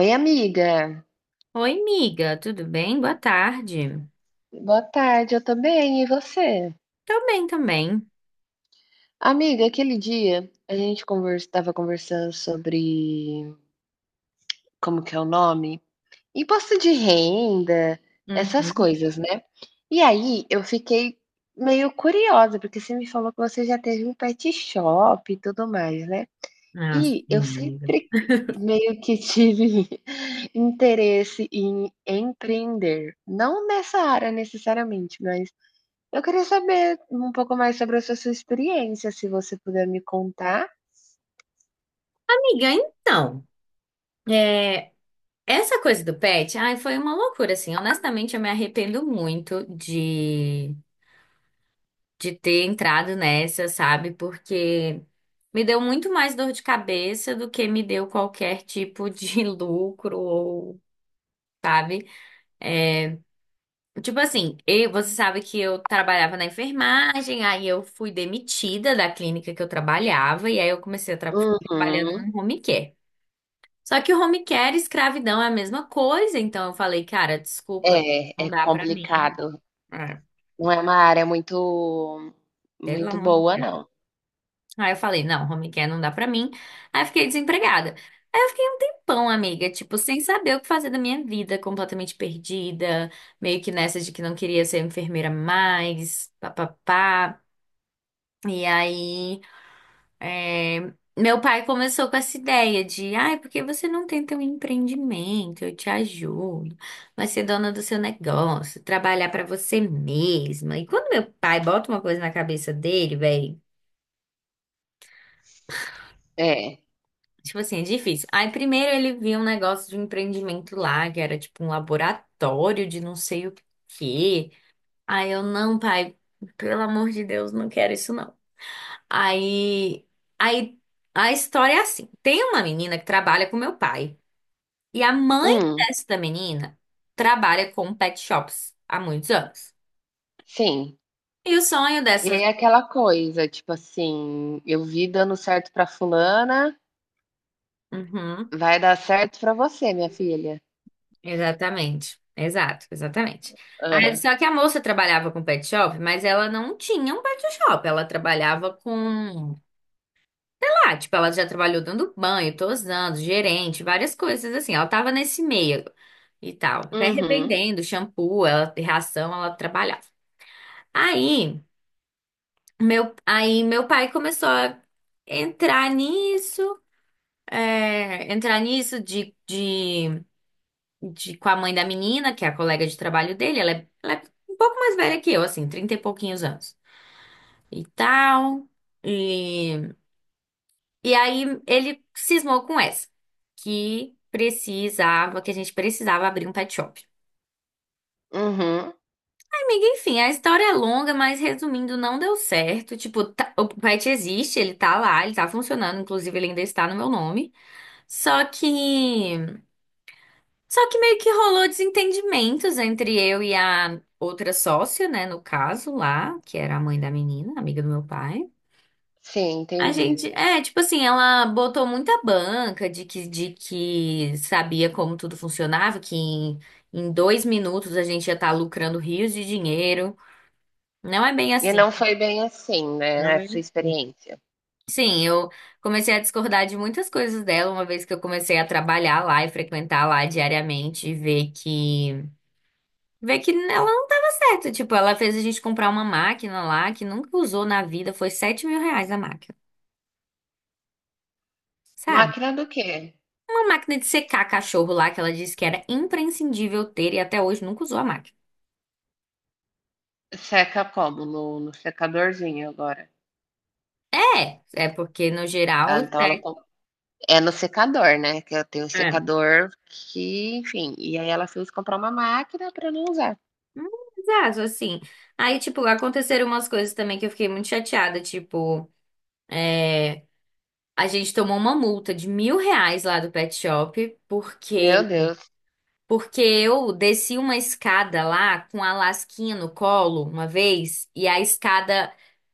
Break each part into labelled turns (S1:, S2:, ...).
S1: Oi, amiga.
S2: Oi, amiga, tudo bem? Boa tarde.
S1: Boa tarde, eu tô bem, e você?
S2: Tô bem também.
S1: Amiga, aquele dia a gente estava conversando sobre como que é o nome? Imposto de renda, essas
S2: Uhum.
S1: coisas, né? E aí eu fiquei meio curiosa, porque você me falou que você já teve um pet shop e tudo mais, né?
S2: Ah,
S1: E eu
S2: sim, amiga.
S1: sempre meio que tive interesse em empreender. Não nessa área necessariamente, mas eu queria saber um pouco mais sobre essa sua experiência, se você puder me contar.
S2: Amiga, então, é, essa coisa do pet, ai, foi uma loucura, assim. Honestamente, eu me arrependo muito de ter entrado nessa, sabe? Porque me deu muito mais dor de cabeça do que me deu qualquer tipo de lucro ou, sabe? Tipo assim, você sabe que eu trabalhava na enfermagem, aí eu fui demitida da clínica que eu trabalhava, e aí eu comecei a trabalhando
S1: Uhum.
S2: no home care. Só que o home care e escravidão é a mesma coisa, então eu falei, cara, desculpa,
S1: É,
S2: não
S1: é
S2: dá pra mim.
S1: complicado.
S2: Ah,
S1: Não é uma área muito
S2: pelo
S1: muito
S2: amor.
S1: boa não.
S2: Aí eu falei, não, home care não dá pra mim. Aí eu fiquei desempregada. Aí eu fiquei um tempão, amiga, tipo, sem saber o que fazer da minha vida, completamente perdida, meio que nessa de que não queria ser enfermeira mais, papapá. E aí. É, meu pai começou com essa ideia de, ai, por que você não tenta um empreendimento? Eu te ajudo, vai ser dona do seu negócio, trabalhar pra você mesma. E quando meu pai bota uma coisa na cabeça dele, velho,
S1: É.
S2: tipo assim, é difícil. Aí primeiro ele viu um negócio de um empreendimento lá, que era tipo um laboratório de não sei o quê. Aí eu, não, pai, pelo amor de Deus, não quero isso não. Aí, aí a história é assim: tem uma menina que trabalha com meu pai. E a mãe
S1: Hum,
S2: desta menina trabalha com pet shops há muitos anos.
S1: sim.
S2: E o sonho
S1: E aí
S2: dessa.
S1: é aquela coisa, tipo assim, eu vi dando certo pra fulana,
S2: Uhum,
S1: vai dar certo pra você, minha filha.
S2: exatamente. Exato, exatamente. Aí,
S1: Aham.
S2: só que a moça trabalhava com pet shop, mas ela não tinha um pet shop. Ela trabalhava com. Sei lá, tipo, ela já trabalhou dando banho, tosando, gerente, várias coisas assim. Ela tava nesse meio e tal. Até
S1: Uhum,
S2: revendendo shampoo, ela, ração, ela trabalhava. Aí. Meu, aí meu pai começou a entrar nisso, entrar nisso de com a mãe da menina, que é a colega de trabalho dele, ela é um pouco mais velha que eu, assim, 30 e pouquinhos anos e tal. E, e aí ele cismou com essa, que precisava, que a gente precisava abrir um pet shop.
S1: uhum.
S2: Amiga, enfim, a história é longa, mas resumindo, não deu certo. Tipo, o pet existe, ele tá lá, ele tá funcionando, inclusive ele ainda está no meu nome. Só que, só que meio que rolou desentendimentos entre eu e a outra sócia, né, no caso lá, que era a mãe da menina, amiga do meu pai.
S1: Sim,
S2: A
S1: entendi.
S2: gente, tipo assim, ela botou muita banca de que sabia como tudo funcionava, que em 2 minutos a gente ia estar lucrando rios de dinheiro. Não é bem
S1: E
S2: assim.
S1: não foi bem assim, né,
S2: Não
S1: a
S2: é
S1: sua
S2: bem assim.
S1: experiência.
S2: Sim, eu comecei a discordar de muitas coisas dela, uma vez que eu comecei a trabalhar lá e frequentar lá diariamente e ver que ela não tava certa. Tipo, ela fez a gente comprar uma máquina lá que nunca usou na vida. Foi R$ 7.000 a máquina, sabe?
S1: Máquina do quê?
S2: Uma máquina de secar cachorro lá que ela disse que era imprescindível ter e até hoje nunca usou a máquina.
S1: Seca como? No secadorzinho agora.
S2: É, é porque no geral.
S1: Ah, então ela
S2: É,
S1: com é no secador, né, que eu tenho um
S2: é.
S1: secador que, enfim, e aí ela fez comprar uma máquina pra não usar.
S2: Hum. Exato, assim. Aí, tipo, aconteceram umas coisas também que eu fiquei muito chateada. Tipo, a gente tomou uma multa de R$ 1.000 lá do pet shop
S1: Meu
S2: porque
S1: Deus.
S2: porque eu desci uma escada lá com a lasquinha no colo uma vez, e a escada.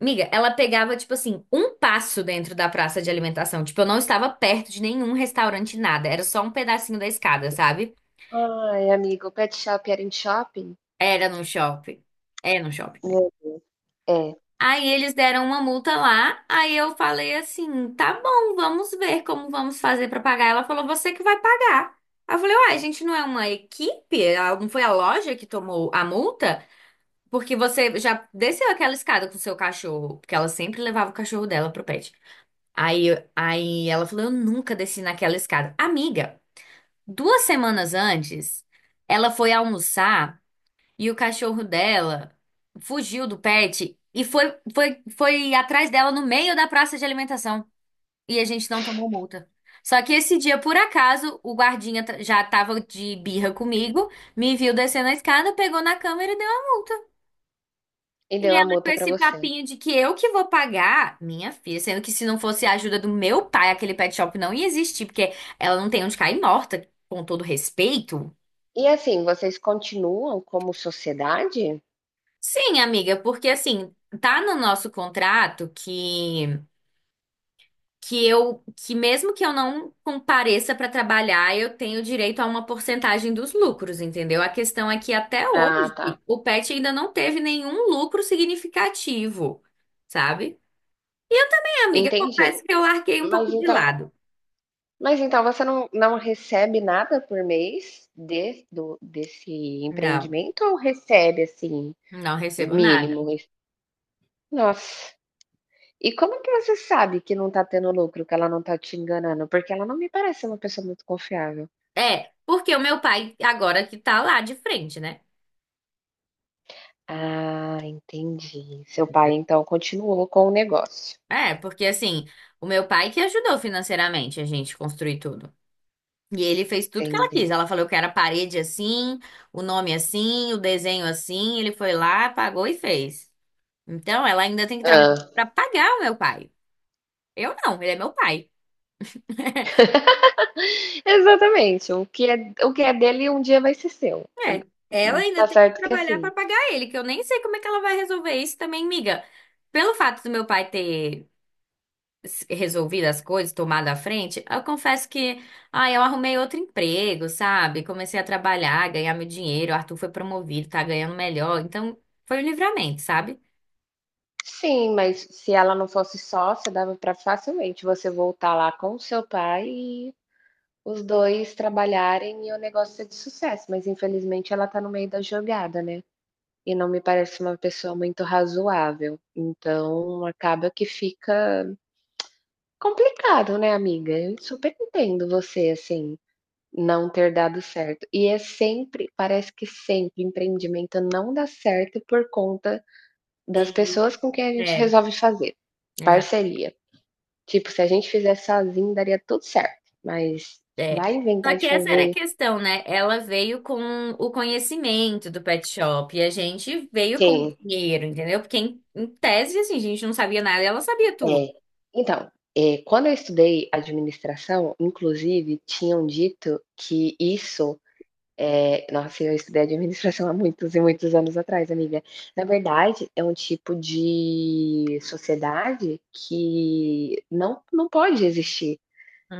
S2: Miga, ela pegava, tipo assim, um passo dentro da praça de alimentação. Tipo, eu não estava perto de nenhum restaurante, nada. Era só um pedacinho da escada, sabe?
S1: Ai, amigo, o pet shop era em shopping?
S2: Era num shopping. É num shopping, né?
S1: Meu. É,
S2: Aí eles deram uma multa lá. Aí eu falei assim: tá bom, vamos ver como vamos fazer pra pagar. Ela falou: você que vai pagar. Aí eu falei: uai, a gente não é uma equipe? Ah, não foi a loja que tomou a multa? Porque você já desceu aquela escada com o seu cachorro, porque ela sempre levava o cachorro dela pro pet. Aí, ela falou: eu nunca desci naquela escada. Amiga, 2 semanas antes, ela foi almoçar e o cachorro dela fugiu do pet e foi, atrás dela no meio da praça de alimentação. E a gente não tomou multa. Só que esse dia, por acaso, o guardinha já tava de birra comigo, me viu descendo a escada, pegou na câmera e deu a multa.
S1: e
S2: E
S1: deu a
S2: ela com
S1: multa pra
S2: esse
S1: você.
S2: papinho de que eu que vou pagar, minha filha, sendo que se não fosse a ajuda do meu pai, aquele pet shop não ia existir, porque ela não tem onde cair morta, com todo respeito.
S1: E assim, vocês continuam como sociedade?
S2: Sim, amiga, porque assim, tá no nosso contrato que eu que mesmo que eu não compareça pra trabalhar, eu tenho direito a uma porcentagem dos lucros, entendeu? A questão é que até
S1: Ah,
S2: hoje
S1: tá,
S2: o pet ainda não teve nenhum lucro significativo, sabe? É, amiga,
S1: entendi.
S2: confesso que eu larguei um
S1: Mas
S2: pouco de
S1: então
S2: lado.
S1: mas então você não recebe nada por mês de do desse
S2: Não,
S1: empreendimento ou recebe, assim,
S2: não recebo nada.
S1: mínimo, isso. Nossa. E como que você sabe que não tá tendo lucro, que ela não tá te enganando? Porque ela não me parece uma pessoa muito confiável.
S2: É, porque o meu pai agora que tá lá de frente, né?
S1: Ah, entendi. Seu pai, então, continuou com o negócio.
S2: É, porque assim, o meu pai que ajudou financeiramente a gente construir tudo. E ele fez tudo que ela
S1: Entendi.
S2: quis. Ela falou que era a parede assim, o nome assim, o desenho assim. Ele foi lá, pagou e fez. Então, ela ainda tem que trabalhar
S1: Hã.
S2: para pagar o meu pai. Eu não, ele é meu pai.
S1: Exatamente, o que é dele um dia vai ser seu.
S2: É, ela ainda
S1: Tá
S2: tem que
S1: certo que é
S2: trabalhar para
S1: assim.
S2: pagar ele, que eu nem sei como é que ela vai resolver isso também, miga. Pelo fato do meu pai ter resolvido as coisas, tomado a frente, eu confesso que, ah, eu arrumei outro emprego, sabe? Comecei a trabalhar, ganhar meu dinheiro, o Arthur foi promovido, tá ganhando melhor, então foi um livramento, sabe?
S1: Sim, mas se ela não fosse sócia, dava pra facilmente você voltar lá com o seu pai e os 2 trabalharem e o negócio ser de sucesso, mas infelizmente ela tá no meio da jogada, né. E não me parece uma pessoa muito razoável. Então acaba que fica complicado, né, amiga? Eu super entendo você, assim, não ter dado certo. E é sempre parece que sempre empreendimento não dá certo por conta das
S2: De-
S1: pessoas com quem a gente
S2: É,
S1: resolve fazer
S2: exato.
S1: parceria. Tipo, se a gente fizesse sozinho, daria tudo certo, mas
S2: É.
S1: vai
S2: Só
S1: inventar
S2: que
S1: de
S2: essa era a
S1: fazer.
S2: questão, né? Ela veio com o conhecimento do pet shop e a gente veio com o
S1: Sim.
S2: dinheiro, entendeu? Porque em tese, assim, a gente não sabia nada e ela sabia tudo.
S1: É. Então, quando eu estudei administração, inclusive tinham dito que isso, nossa, eu estudei administração há muitos e muitos anos atrás, amiga. Na verdade, é um tipo de sociedade que não pode existir.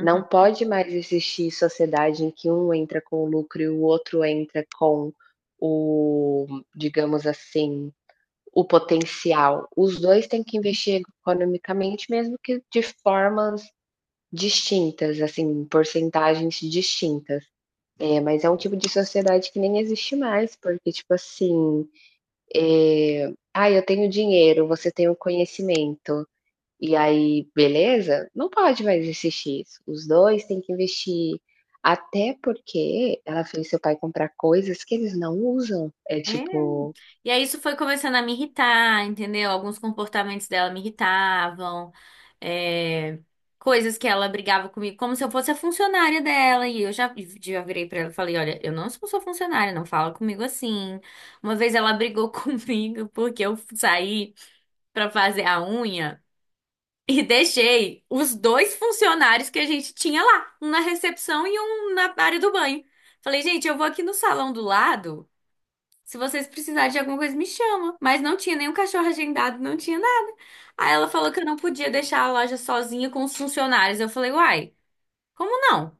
S1: Não pode mais existir sociedade em que um entra com o lucro e o outro entra com o, digamos assim, o potencial. Os dois têm que investir economicamente, mesmo que de formas distintas, assim, porcentagens distintas. É, mas é um tipo de sociedade que nem existe mais, porque, tipo assim, é, ah, eu tenho dinheiro, você tem o conhecimento, e aí, beleza? Não pode mais existir isso. Os dois têm que investir. Até porque ela fez seu pai comprar coisas que eles não usam. É
S2: É,
S1: tipo,
S2: e aí isso foi começando a me irritar, entendeu? Alguns comportamentos dela me irritavam, é, coisas que ela brigava comigo, como se eu fosse a funcionária dela. E eu já virei pra ela e falei, olha, eu não sou sua funcionária, não fala comigo assim. Uma vez ela brigou comigo porque eu saí pra fazer a unha e deixei os dois funcionários que a gente tinha lá, um na recepção e um na área do banho. Falei, gente, eu vou aqui no salão do lado. Se vocês precisarem de alguma coisa, me chama. Mas não tinha nenhum cachorro agendado, não tinha nada. Aí ela falou que eu não podia deixar a loja sozinha com os funcionários. Eu falei, uai, como não?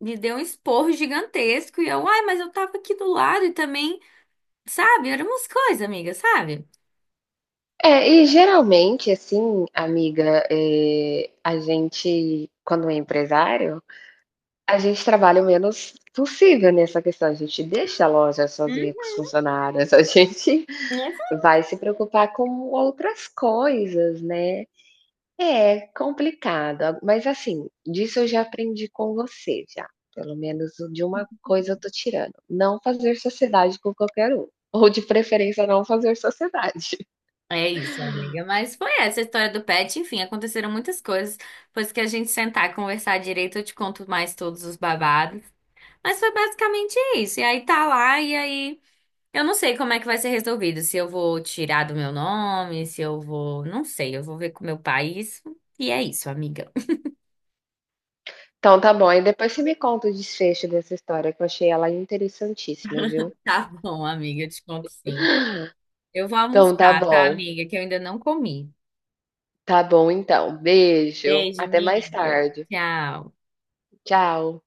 S2: Me deu um esporro gigantesco e eu, uai, mas eu tava aqui do lado e também, sabe? Eram umas coisas, amiga, sabe?
S1: é, e geralmente, assim, amiga, a gente, quando é empresário, a gente trabalha o menos possível nessa questão. A gente deixa a loja sozinha com
S2: Hum,
S1: os funcionários, a gente
S2: mas
S1: vai se preocupar com outras coisas, né. É complicado, a mas assim, disso eu já aprendi com você já, pelo menos de uma coisa eu tô tirando: não fazer sociedade com qualquer um, ou de preferência não fazer sociedade.
S2: é isso, amiga. Mas foi essa a história do pet. Enfim, aconteceram muitas coisas. Depois que a gente sentar e conversar direito, eu te conto mais todos os babados. Mas foi basicamente isso. E aí tá lá, e aí. Eu não sei como é que vai ser resolvido, se eu vou tirar do meu nome, se eu vou, não sei, eu vou ver com o meu pai isso. E é isso, amiga.
S1: Então tá bom, aí depois você me conta o desfecho dessa história que eu achei ela interessantíssima, viu.
S2: Tá bom, amiga, eu te conto sim. Eu vou
S1: Então
S2: almoçar, tá, amiga, que eu ainda não comi.
S1: tá bom então, beijo,
S2: Beijo,
S1: até mais
S2: amiga.
S1: tarde,
S2: Tchau.
S1: tchau.